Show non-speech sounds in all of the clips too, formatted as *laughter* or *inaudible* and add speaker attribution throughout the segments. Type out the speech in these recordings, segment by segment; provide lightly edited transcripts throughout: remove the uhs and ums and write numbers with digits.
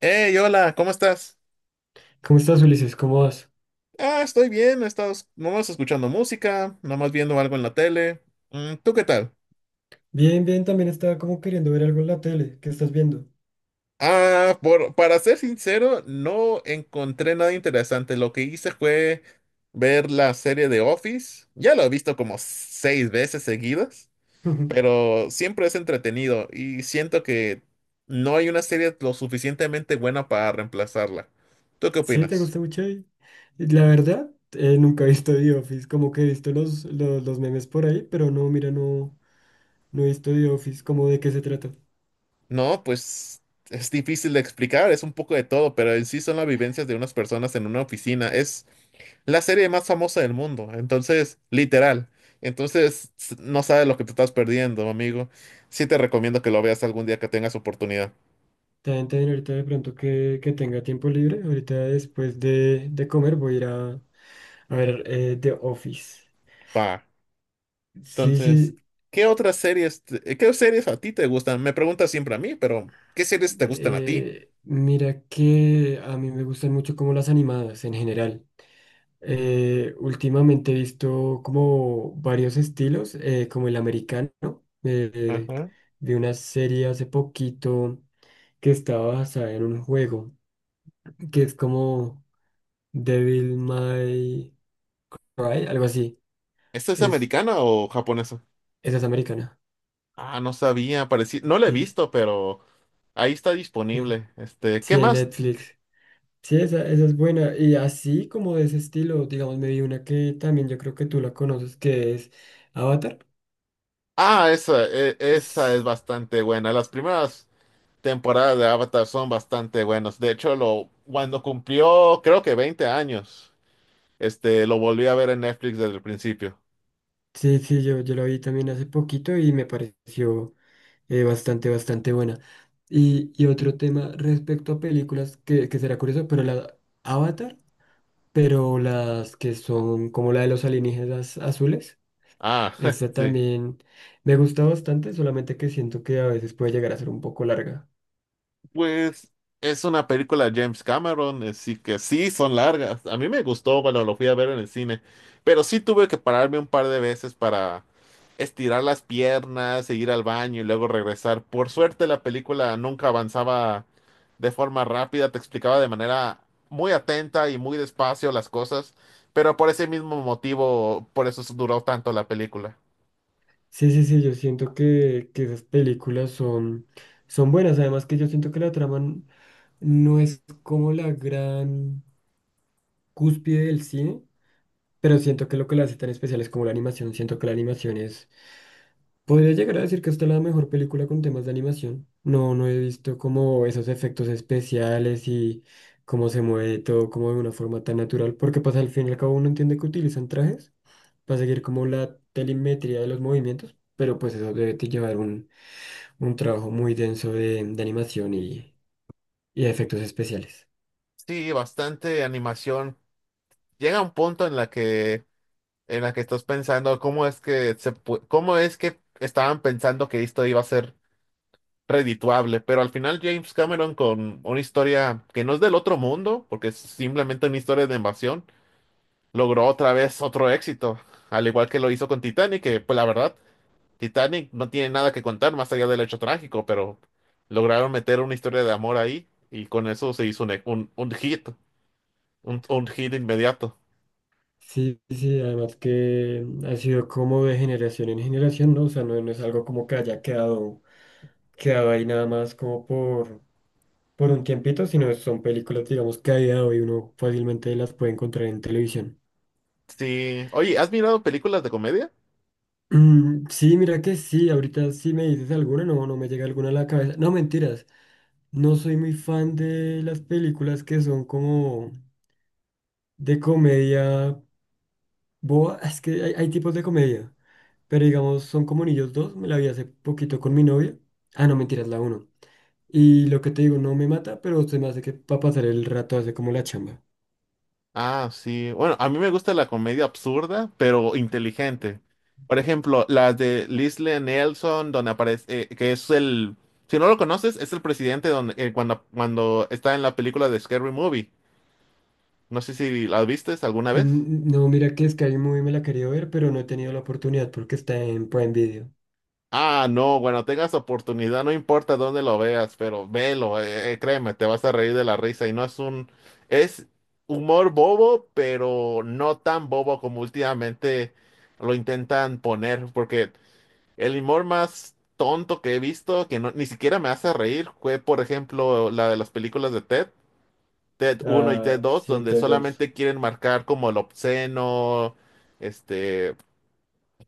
Speaker 1: Hey, hola, ¿cómo estás?
Speaker 2: ¿Cómo estás, Ulises? ¿Cómo vas?
Speaker 1: Ah, estoy bien, he estado nomás escuchando música, nomás viendo algo en la tele. Mm, ¿tú qué tal?
Speaker 2: Bien, bien, también estaba como queriendo ver algo en la tele. ¿Qué estás viendo?
Speaker 1: Ah, para ser sincero, no encontré nada interesante. Lo que hice fue ver la serie de Office. Ya lo he visto como 6 veces seguidas,
Speaker 2: *laughs*
Speaker 1: pero siempre es entretenido y siento que no hay una serie lo suficientemente buena para reemplazarla. ¿Tú qué
Speaker 2: Sí, ¿te
Speaker 1: opinas?
Speaker 2: gusta mucho ahí? Y la verdad, nunca he visto The Office, como que he visto los memes por ahí, pero no, mira, no, no he visto The Office. ¿Cómo de qué se trata?
Speaker 1: No, pues es difícil de explicar, es un poco de todo, pero en sí son las vivencias de unas personas en una oficina. Es la serie más famosa del mundo, entonces, literal. Entonces, no sabes lo que te estás perdiendo, amigo. Sí te recomiendo que lo veas algún día que tengas oportunidad.
Speaker 2: También, también ahorita de pronto que tenga tiempo libre, ahorita después de comer voy a ir a ver The Office.
Speaker 1: Pa.
Speaker 2: Sí,
Speaker 1: Entonces,
Speaker 2: sí,
Speaker 1: ¿qué otras series, qué series a ti te gustan? Me preguntas siempre a mí, pero ¿qué series te gustan a ti?
Speaker 2: mira que a mí me gustan mucho como las animadas en general. Últimamente he visto como varios estilos, como el americano. Eh,
Speaker 1: Ajá.
Speaker 2: Vi una serie hace poquito que estaba basada en un juego, que es como Devil May Cry, algo así.
Speaker 1: ¿Esta es
Speaker 2: Es,
Speaker 1: americana o japonesa?
Speaker 2: esa es americana.
Speaker 1: Ah, no sabía, parecía, no la he
Speaker 2: Sí,
Speaker 1: visto, pero ahí está
Speaker 2: sí.
Speaker 1: disponible. Este, ¿qué
Speaker 2: Sí, en
Speaker 1: más?
Speaker 2: Netflix. Sí, esa es buena. Y así como de ese estilo, digamos, me vi una que también yo creo que tú la conoces, que es Avatar.
Speaker 1: Ah, esa, esa es bastante buena. Las primeras temporadas de Avatar son bastante buenas. De hecho, cuando cumplió, creo que 20 años, este, lo volví a ver en Netflix desde el principio.
Speaker 2: Sí, sí, yo la vi también hace poquito y me pareció bastante, bastante buena. Y otro tema respecto a películas que será curioso, pero la Avatar, pero las que son como la de los alienígenas azules,
Speaker 1: Ah, *laughs*
Speaker 2: esta
Speaker 1: sí.
Speaker 2: también me gusta bastante, solamente que siento que a veces puede llegar a ser un poco larga.
Speaker 1: Pues es una película de James Cameron, así que sí, son largas. A mí me gustó cuando lo fui a ver en el cine, pero sí tuve que pararme un par de veces para estirar las piernas, e ir al baño y luego regresar. Por suerte la película nunca avanzaba de forma rápida, te explicaba de manera muy atenta y muy despacio las cosas, pero por ese mismo motivo, por eso duró tanto la película.
Speaker 2: Sí, sí, sí, yo siento que esas películas son, son buenas, además que yo siento que la trama no es como la gran cúspide del cine. Pero siento que lo que la hace tan especial es como la animación. Siento que la animación es... Podría llegar a decir que esta es la mejor película con temas de animación. No, no he visto como esos efectos especiales y cómo se mueve todo como de una forma tan natural. Porque pasa al fin y al cabo uno entiende que utilizan trajes para seguir como la telemetría de los movimientos. Pero pues eso debe te llevar un trabajo muy denso de animación y efectos especiales.
Speaker 1: Sí, bastante animación. Llega un punto en la que estás pensando cómo es que cómo es que estaban pensando que esto iba a ser redituable, pero al final James Cameron, con una historia que no es del otro mundo, porque es simplemente una historia de invasión, logró otra vez otro éxito, al igual que lo hizo con Titanic, que pues la verdad, Titanic no tiene nada que contar más allá del hecho trágico, pero lograron meter una historia de amor ahí y con eso se hizo un hit, un hit inmediato.
Speaker 2: Sí, sí, además que ha sido como de generación en generación, ¿no? O sea, no, no es algo como que haya quedado, quedado ahí nada más como por un tiempito, sino son películas, digamos, que a día de hoy uno fácilmente las puede encontrar en televisión.
Speaker 1: Sí, oye, ¿has mirado películas de comedia?
Speaker 2: Sí, mira que sí, ahorita sí me dices alguna, no, no me llega alguna a la cabeza. No, mentiras, no soy muy fan de las películas que son como de comedia. Boa, es que hay tipos de comedia, pero digamos, son como Niños dos, me la vi hace poquito con mi novia. Ah, no, mentiras, la uno. Y lo que te digo, no me mata, pero se me hace que para pasar el rato hace como la chamba.
Speaker 1: Ah, sí. Bueno, a mí me gusta la comedia absurda, pero inteligente. Por ejemplo, las de Leslie Nelson, donde aparece, que es el, si no lo conoces, es el presidente donde, cuando está en la película de Scary Movie. No sé si la viste alguna vez.
Speaker 2: No, mira que Sky Movie me la quería ver, pero no he tenido la oportunidad porque está en Prime Video.
Speaker 1: Ah, no, bueno, tengas oportunidad, no importa dónde lo veas, pero velo, créeme, te vas a reír de la risa y no es un, es humor bobo, pero no tan bobo como últimamente lo intentan poner, porque el humor más tonto que he visto, que ni siquiera me hace reír, fue, por ejemplo, la de las películas de Ted, Ted uno y Ted
Speaker 2: Ah,
Speaker 1: 2,
Speaker 2: sí,
Speaker 1: donde
Speaker 2: de dos.
Speaker 1: solamente quieren marcar como el obsceno, este,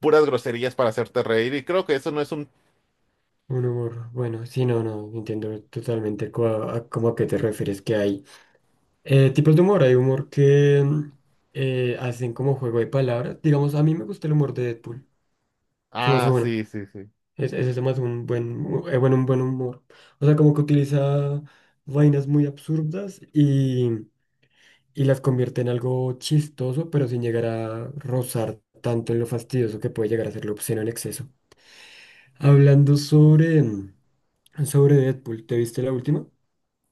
Speaker 1: puras groserías para hacerte reír. Y creo que eso no es un...
Speaker 2: Un humor, bueno, sí, no, no, entiendo totalmente cómo a qué te refieres que hay tipos de humor, hay humor que hacen como juego de palabras. Digamos, a mí me gusta el humor de Deadpool. Se me hace
Speaker 1: Ah,
Speaker 2: bueno.
Speaker 1: sí, sí, sí.
Speaker 2: Ese se me hace un buen, un buen humor. O sea, como que utiliza vainas muy absurdas y las convierte en algo chistoso, pero sin llegar a rozar tanto en lo fastidioso que puede llegar a ser lo obsceno en exceso. Hablando sobre Deadpool, ¿te viste la última?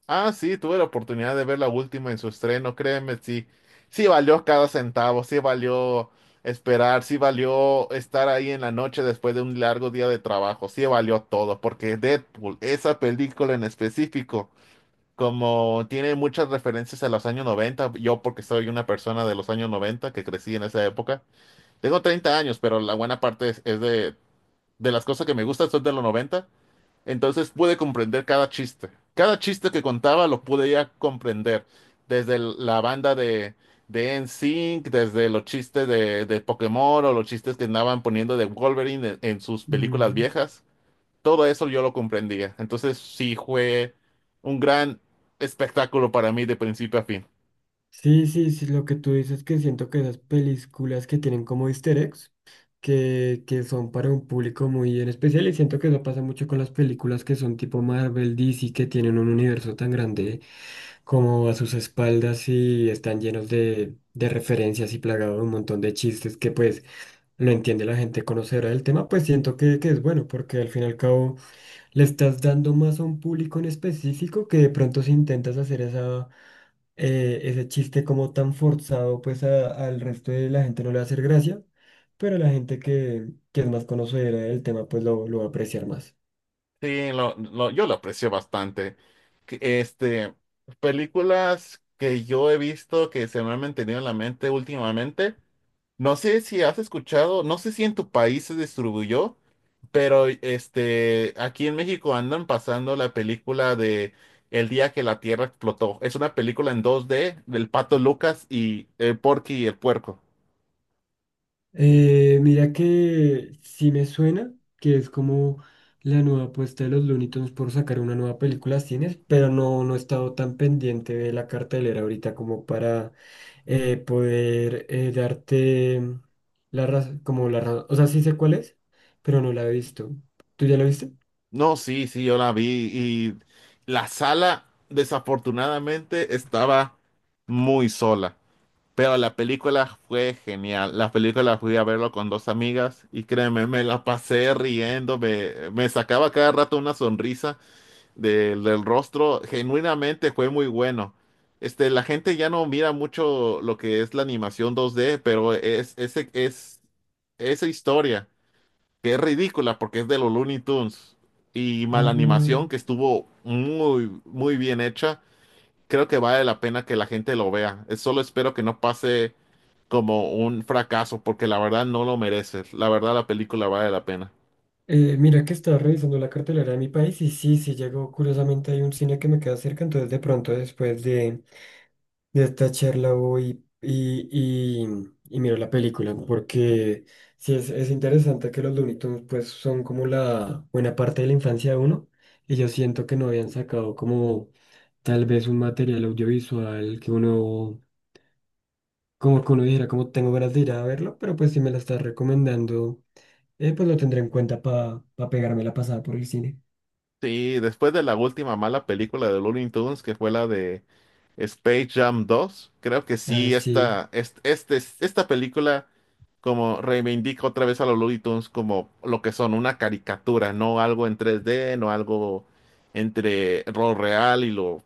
Speaker 1: Ah, sí, tuve la oportunidad de ver la última en su estreno, créeme, sí, sí valió cada centavo, sí valió esperar, sí valió estar ahí en la noche después de un largo día de trabajo, sí valió todo, porque Deadpool, esa película en específico, como tiene muchas referencias a los años 90, yo porque soy una persona de los años 90 que crecí en esa época, tengo 30 años, pero la buena parte es, de las cosas que me gustan son de los 90. Entonces pude comprender cada chiste. Cada chiste que contaba lo podía comprender. Desde la banda de NSYNC, desde los chistes de Pokémon o los chistes que andaban poniendo de Wolverine en sus películas
Speaker 2: Ujú.
Speaker 1: viejas. Todo eso yo lo comprendía. Entonces sí fue un gran espectáculo para mí de principio a fin.
Speaker 2: Sí, sí, sí, lo que tú dices, que siento que esas películas que tienen como easter eggs, que son para un público muy en especial. Y siento que eso pasa mucho con las películas que son tipo Marvel, DC, que tienen un universo tan grande como a sus espaldas y están llenos de referencias y plagados de un montón de chistes que pues lo entiende la gente conocedora del tema. Pues siento que es bueno porque al fin y al cabo le estás dando más a un público en específico, que de pronto si intentas hacer ese chiste como tan forzado, pues al resto de la gente no le va a hacer gracia, pero la gente que es más conocedora del tema, pues lo va a apreciar más.
Speaker 1: Sí, yo lo aprecio bastante. Este, películas que yo he visto que se me han mantenido en la mente últimamente. No sé si has escuchado, no sé si en tu país se distribuyó, pero este, aquí en México andan pasando la película de El día que la Tierra explotó. Es una película en 2D del Pato Lucas y el Porky y el Puerco.
Speaker 2: Mira que sí me suena que es como la nueva apuesta de los Looney Tunes por sacar una nueva película a cines, pero no, no he estado tan pendiente de la cartelera ahorita como para poder darte la razón, como la razón, o sea, sí sé cuál es, pero no la he visto. ¿Tú ya la viste?
Speaker 1: No, sí, sí, yo la vi y la sala desafortunadamente estaba muy sola. Pero la película fue genial. La película fui a verlo con dos amigas y créeme, me la pasé riendo, me sacaba cada rato una sonrisa del del rostro. Genuinamente fue muy bueno. Este, la gente ya no mira mucho lo que es la animación 2D, pero es, ese, es esa historia, que es ridícula porque es de los Looney Tunes y mala
Speaker 2: Ah,
Speaker 1: animación que estuvo muy, muy bien hecha. Creo que vale la pena que la gente lo vea. Solo espero que no pase como un fracaso, porque la verdad no lo mereces. La verdad la película vale la pena.
Speaker 2: Mira que estaba revisando la cartelera de mi país y sí, sí llegó, curiosamente hay un cine que me queda cerca, entonces de pronto después de esta charla hoy y, y miro la película, ¿no? Porque sí es interesante que los Looney Tunes, pues son como la buena parte de la infancia de uno, y yo siento que no habían sacado como tal vez un material audiovisual que uno, como que uno dijera, como tengo ganas de ir a verlo, pero pues si me la estás recomendando, pues lo tendré en cuenta para pegarme la pasada por el cine.
Speaker 1: Sí, después de la última mala película de Looney Tunes, que fue la de Space Jam dos, creo que
Speaker 2: Ah,
Speaker 1: sí,
Speaker 2: sí,
Speaker 1: esta, este, esta película como reivindica otra vez a los Looney Tunes como lo que son, una caricatura, no algo en 3D, no algo entre lo real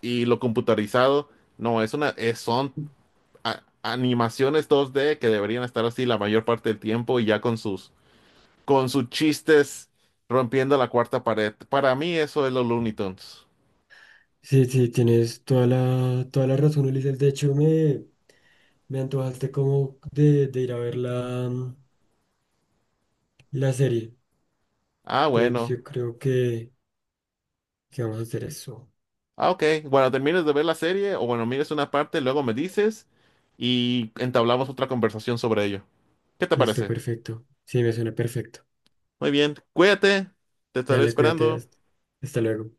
Speaker 1: y lo computarizado. No, es una, son animaciones 2D que deberían estar así la mayor parte del tiempo y ya con sus chistes rompiendo la cuarta pared. Para mí eso es los Looney Tunes.
Speaker 2: sí, sí, tienes toda la razón, Ulises. De hecho, me... Me antojaste como de ir a ver la serie.
Speaker 1: Ah,
Speaker 2: Entonces
Speaker 1: bueno.
Speaker 2: yo creo que vamos a hacer eso.
Speaker 1: Ah, ok. Bueno, termines de ver la serie o bueno, mires una parte, luego me dices y entablamos otra conversación sobre ello. ¿Qué te
Speaker 2: Listo,
Speaker 1: parece?
Speaker 2: perfecto. Sí, me suena perfecto.
Speaker 1: Muy bien. Cuídate. Te estaré
Speaker 2: Dale, cuídate.
Speaker 1: esperando.
Speaker 2: Hasta hasta luego.